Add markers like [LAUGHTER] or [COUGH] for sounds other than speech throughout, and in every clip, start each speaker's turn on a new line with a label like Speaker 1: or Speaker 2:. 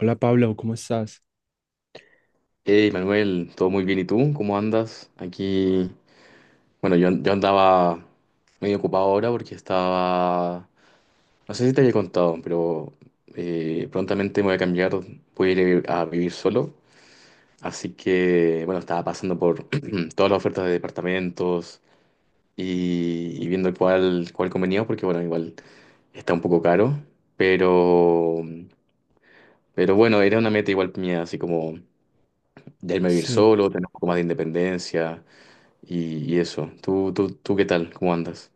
Speaker 1: Hola Pablo, ¿cómo estás?
Speaker 2: Hey Manuel, todo muy bien. ¿Y tú? ¿Cómo andas? Aquí, bueno, yo andaba medio ocupado ahora porque estaba, no sé si te había contado, pero prontamente me voy a cambiar, voy a ir a vivir solo. Así que, bueno, estaba pasando por [CLEARS THROAT] todas las ofertas de departamentos y viendo cuál convenía, porque, bueno, igual está un poco caro, pero, pero bueno, era una meta igual mía, así como de irme a vivir
Speaker 1: Sí,
Speaker 2: solo, tener un poco más de independencia y eso. ¿Tú qué tal? ¿Cómo andas?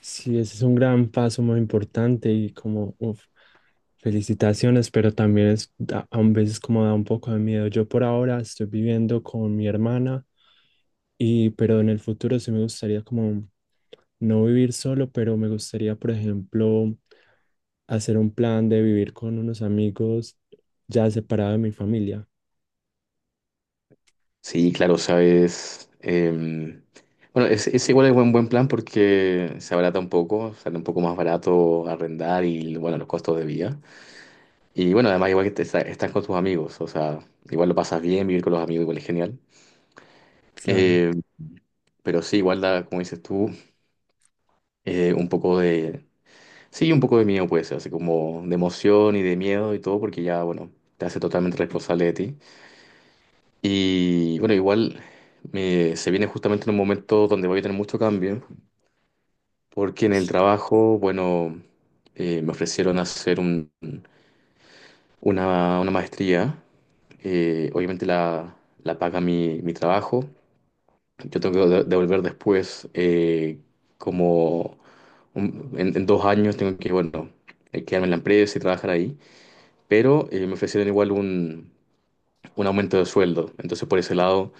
Speaker 1: sí, ese es un gran paso muy importante y como, uf, felicitaciones, pero también es, a veces como da un poco de miedo. Yo por ahora estoy viviendo con mi hermana y, pero en el futuro sí me gustaría como no vivir solo, pero me gustaría, por ejemplo, hacer un plan de vivir con unos amigos ya separado de mi familia.
Speaker 2: Sí, claro, sabes. Bueno, es igual es buen plan porque se abarata un poco, sale un poco más barato arrendar y bueno, los costos de vida. Y bueno, además igual que estás con tus amigos, o sea, igual lo pasas bien, vivir con los amigos igual es genial.
Speaker 1: Claro.
Speaker 2: Eh, pero sí, igual da, como dices tú, eh, un poco de, sí, un poco de miedo puede ser, así como de emoción y de miedo y todo, porque ya, bueno, te hace totalmente responsable de ti. Y bueno, se viene justamente en un momento donde voy a tener mucho cambio, porque en el trabajo, bueno, me ofrecieron una maestría. Obviamente la paga mi trabajo. Yo tengo que devolver después como en dos años tengo que, bueno, quedarme en la empresa y trabajar ahí. Pero me ofrecieron igual un aumento de sueldo. Entonces, por ese lado,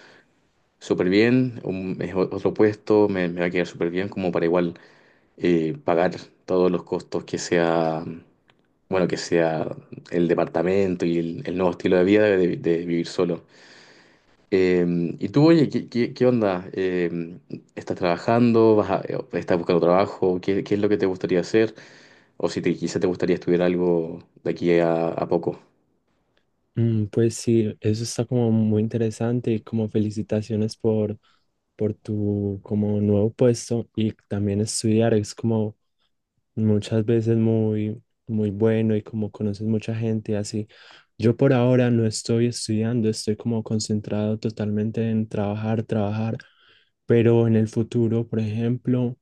Speaker 2: súper bien, otro puesto, me va a quedar súper bien como para igual pagar todos los costos que sea, bueno, que sea el departamento y el nuevo estilo de vida de vivir solo. Eh, y tú, oye, qué onda? ¿Estás trabajando? Estás buscando trabajo? Qué es lo que te gustaría hacer? O si te, quizá te gustaría estudiar algo de aquí a poco.
Speaker 1: Mm, pues sí, eso está como muy interesante y como felicitaciones por tu como nuevo puesto y también estudiar es como muchas veces muy, muy bueno y como conoces mucha gente y así. Yo por ahora no estoy estudiando, estoy como concentrado totalmente en trabajar, trabajar, pero en el futuro, por ejemplo,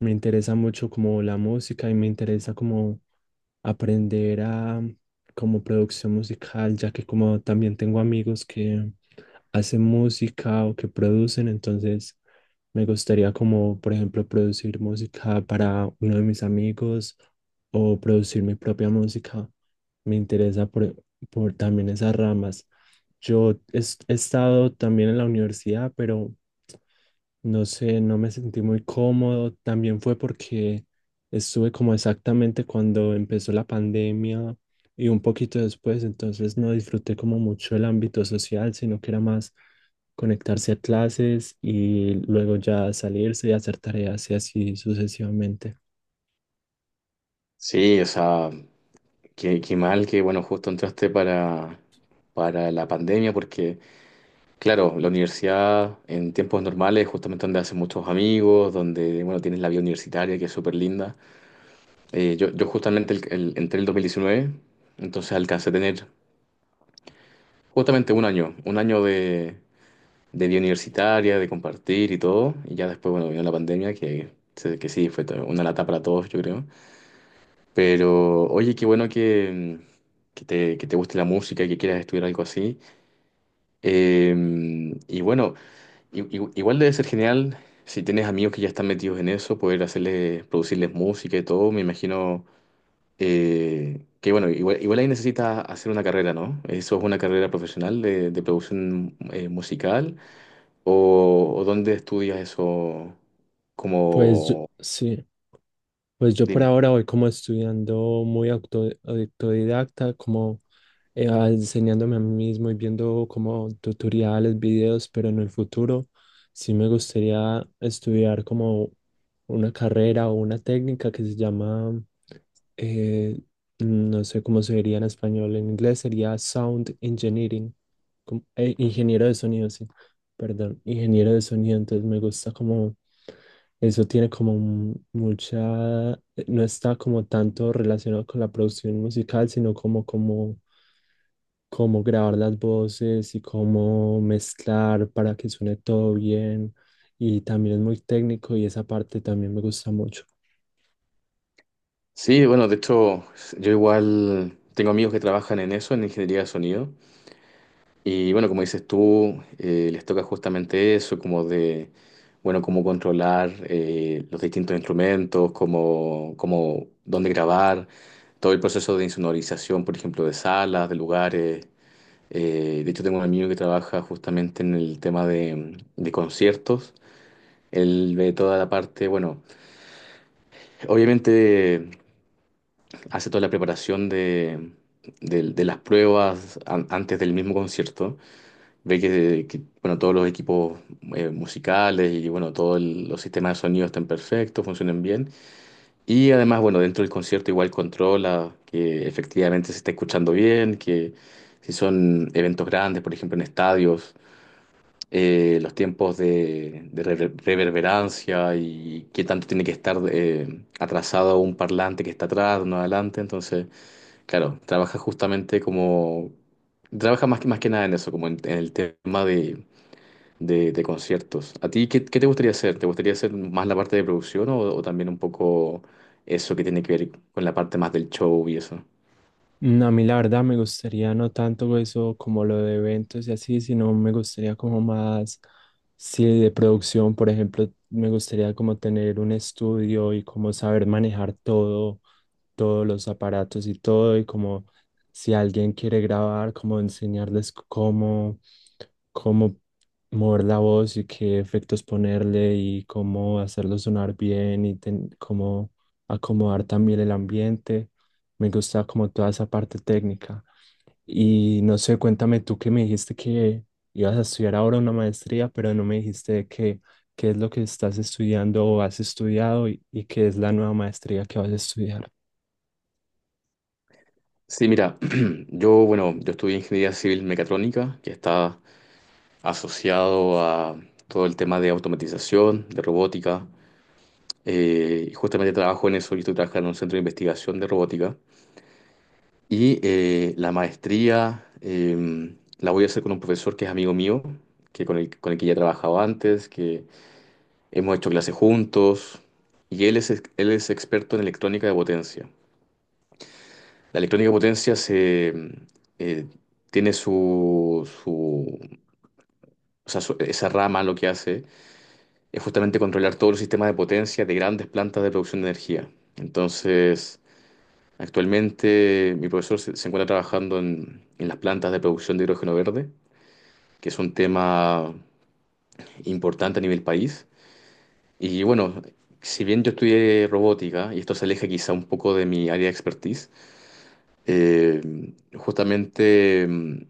Speaker 1: me interesa mucho como la música y me interesa como aprender a como producción musical, ya que como también tengo amigos que hacen música o que producen, entonces me gustaría como, por ejemplo, producir música para uno de mis amigos o producir mi propia música. Me interesa por también esas ramas. Yo he, he estado también en la universidad, pero no sé, no me sentí muy cómodo. También fue porque estuve como exactamente cuando empezó la pandemia y un poquito después, entonces no disfruté como mucho el ámbito social, sino que era más conectarse a clases y luego ya salirse y hacer tareas y así sucesivamente.
Speaker 2: Sí, o sea, qué mal que, bueno, justo entraste para la pandemia, porque, claro, la universidad en tiempos normales es justamente donde haces muchos amigos, donde, bueno, tienes la vida universitaria, que es súper linda. Yo justamente entré en el 2019, entonces alcancé a tener justamente un año de vida universitaria, de compartir y todo, y ya después, bueno, vino la pandemia, que, que sí, fue una lata para todos, yo creo. Pero, oye, qué bueno que que que te guste la música y que quieras estudiar algo así. Eh, y bueno, igual debe ser genial si tienes amigos que ya están metidos en eso, poder hacerles, producirles música y todo. Me imagino que, bueno, igual ahí necesitas hacer una carrera, ¿no? ¿Eso es una carrera profesional de producción musical? O dónde estudias eso? Como,
Speaker 1: Sí, pues yo por
Speaker 2: dime.
Speaker 1: ahora voy como estudiando muy autodidacta, como enseñándome a mí mismo y viendo como tutoriales, videos, pero en el futuro sí me gustaría estudiar como una carrera o una técnica que se llama, eh, no sé cómo se diría en español, en inglés sería Sound Engineering, ingeniero de sonido, sí, perdón, ingeniero de sonido, entonces me gusta como... Eso tiene como mucha, no está como tanto relacionado con la producción musical, sino como, como cómo grabar las voces y cómo mezclar para que suene todo bien. Y también es muy técnico y esa parte también me gusta mucho.
Speaker 2: Sí, bueno, de hecho, yo igual tengo amigos que trabajan en eso, en ingeniería de sonido. Y bueno, como dices tú, les toca justamente eso, como de, bueno, cómo controlar los distintos instrumentos, dónde grabar, todo el proceso de insonorización, por ejemplo, de salas, de lugares. De hecho, tengo un amigo que trabaja justamente en el tema de conciertos. Él ve toda la parte, bueno, obviamente hace toda la preparación de las pruebas antes del mismo concierto. Ve bueno, todos los equipos musicales y bueno, los sistemas de sonido están perfectos, funcionan bien. Y además, bueno, dentro del concierto igual controla que efectivamente se está escuchando bien, que si son eventos grandes, por ejemplo, en estadios, los tiempos reverberancia y qué tanto tiene que estar atrasado un parlante que está atrás, uno adelante. Entonces, claro, trabaja justamente como trabaja más que nada en eso, como en el tema de de conciertos. ¿A ti qué, qué te gustaría hacer? ¿Te gustaría hacer más la parte de producción o también un poco eso que tiene que ver con la parte más del show y eso?
Speaker 1: Mm, a mí la verdad me gustaría no tanto eso como lo de eventos y así, sino me gustaría como más, sí, de producción, por ejemplo, me gustaría como tener un estudio y como saber manejar todos los aparatos y todo, y como si alguien quiere grabar, como enseñarles cómo, cómo mover la voz y qué efectos ponerle y cómo hacerlo sonar bien y cómo acomodar también el ambiente. Me gusta como toda esa parte técnica. Y no sé, cuéntame tú que me dijiste que ibas a estudiar ahora una maestría, pero no me dijiste de qué, qué es lo que estás estudiando o has estudiado y qué es la nueva maestría que vas a estudiar.
Speaker 2: Sí, mira, [CLEARS THROAT] yo, bueno, yo estudié ingeniería civil mecatrónica, que está asociado a todo el tema de automatización, de robótica, y justamente trabajo en eso, yo estoy trabajando en un centro de investigación de robótica, y la voy a hacer con un profesor que es amigo mío, que con el que ya trabajaba antes, que hemos hecho clases juntos y él es experto en electrónica de potencia. La electrónica de potencia se, eh, tiene su, su- o sea, su- esa rama, lo que hace es justamente controlar todos los sistemas de potencia de grandes plantas de producción de energía. Entonces, actualmente mi profesor se encuentra trabajando en las plantas de producción de hidrógeno verde, que es un tema importante a nivel país. Y bueno, si bien yo estudié robótica, y esto se aleja quizá un poco de mi área de expertise, eh, justamente mm,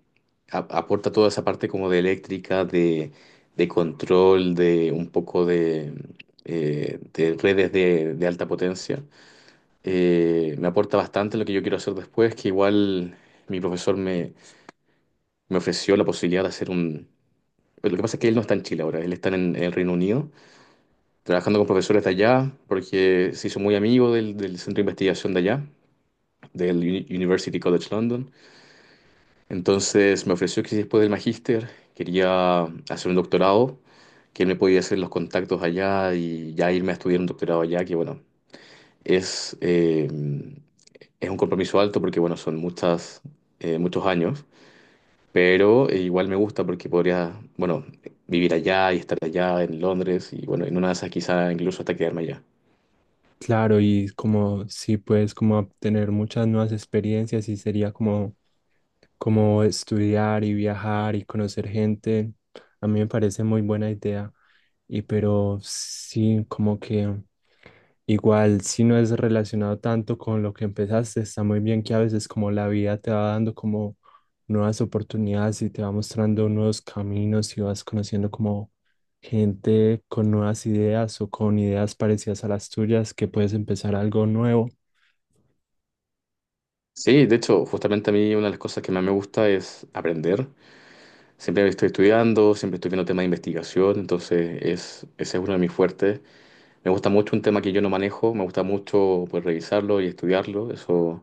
Speaker 2: aporta toda esa parte como de eléctrica, de control, de redes de alta potencia. Me aporta bastante lo que yo quiero hacer después, que igual mi profesor me, me ofreció la posibilidad de hacer un... Lo que pasa es que él no está en Chile ahora, él está en el Reino Unido, trabajando con profesores de allá, porque se hizo muy amigo del centro de investigación de allá, del University College London. Entonces me ofreció que si después del magíster quería hacer un doctorado, que él me podía hacer los contactos allá y ya irme a estudiar un doctorado allá, que bueno, es, eh, es un compromiso alto porque bueno, son muchos años. Pero igual me gusta porque podría, bueno, vivir allá y estar allá en Londres y bueno, en una de esas quizá incluso hasta quedarme allá.
Speaker 1: Claro, y como sí puedes como obtener muchas nuevas experiencias y sería como, como estudiar y viajar y conocer gente. A mí me parece muy buena idea. Y pero sí, como que igual si no es relacionado tanto con lo que empezaste, está muy bien que a veces como la vida te va dando como nuevas oportunidades y te va mostrando nuevos caminos y vas conociendo como gente con nuevas ideas o con ideas parecidas a las tuyas que puedes empezar algo nuevo.
Speaker 2: Sí, de hecho, justamente a mí una de las cosas que más me gusta es aprender. Siempre estoy estudiando, siempre estoy viendo temas de investigación, entonces es, ese es uno de mis fuertes. Me gusta mucho un tema que yo no manejo, me gusta mucho pues, revisarlo y estudiarlo, eso,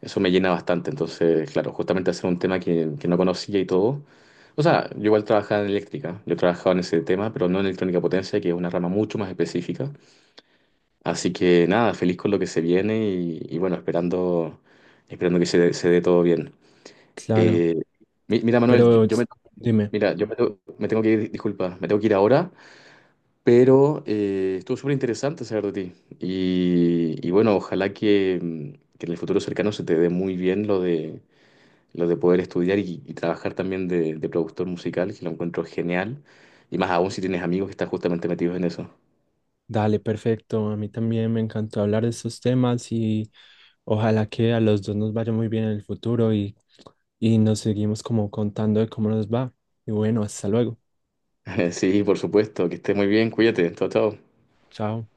Speaker 2: eso me llena bastante. Entonces, claro, justamente hacer un tema que no conocía y todo. O sea, yo igual trabajaba en eléctrica, yo trabajaba en ese tema, pero no en electrónica potencia, que es una rama mucho más específica. Así que nada, feliz con lo que se viene y bueno, esperando, esperando que se dé todo bien.
Speaker 1: Claro,
Speaker 2: Eh, Mira, Manuel,
Speaker 1: pero s- dime.
Speaker 2: mira, yo me tengo que ir, disculpa, me tengo que ir ahora, pero estuvo súper interesante saber de ti. Y bueno, ojalá que, que en el futuro cercano se te dé muy bien lo de poder estudiar y trabajar también de productor musical, que lo encuentro genial. Y más aún si tienes amigos que están justamente metidos en eso.
Speaker 1: Dale, perfecto. A mí también me encantó hablar de estos temas y ojalá que a los dos nos vaya muy bien en el futuro y nos seguimos como contando de cómo nos va. Y bueno, hasta luego.
Speaker 2: [LAUGHS] Sí, por supuesto, que estés muy bien, cuídate, chao, chao.
Speaker 1: Chao.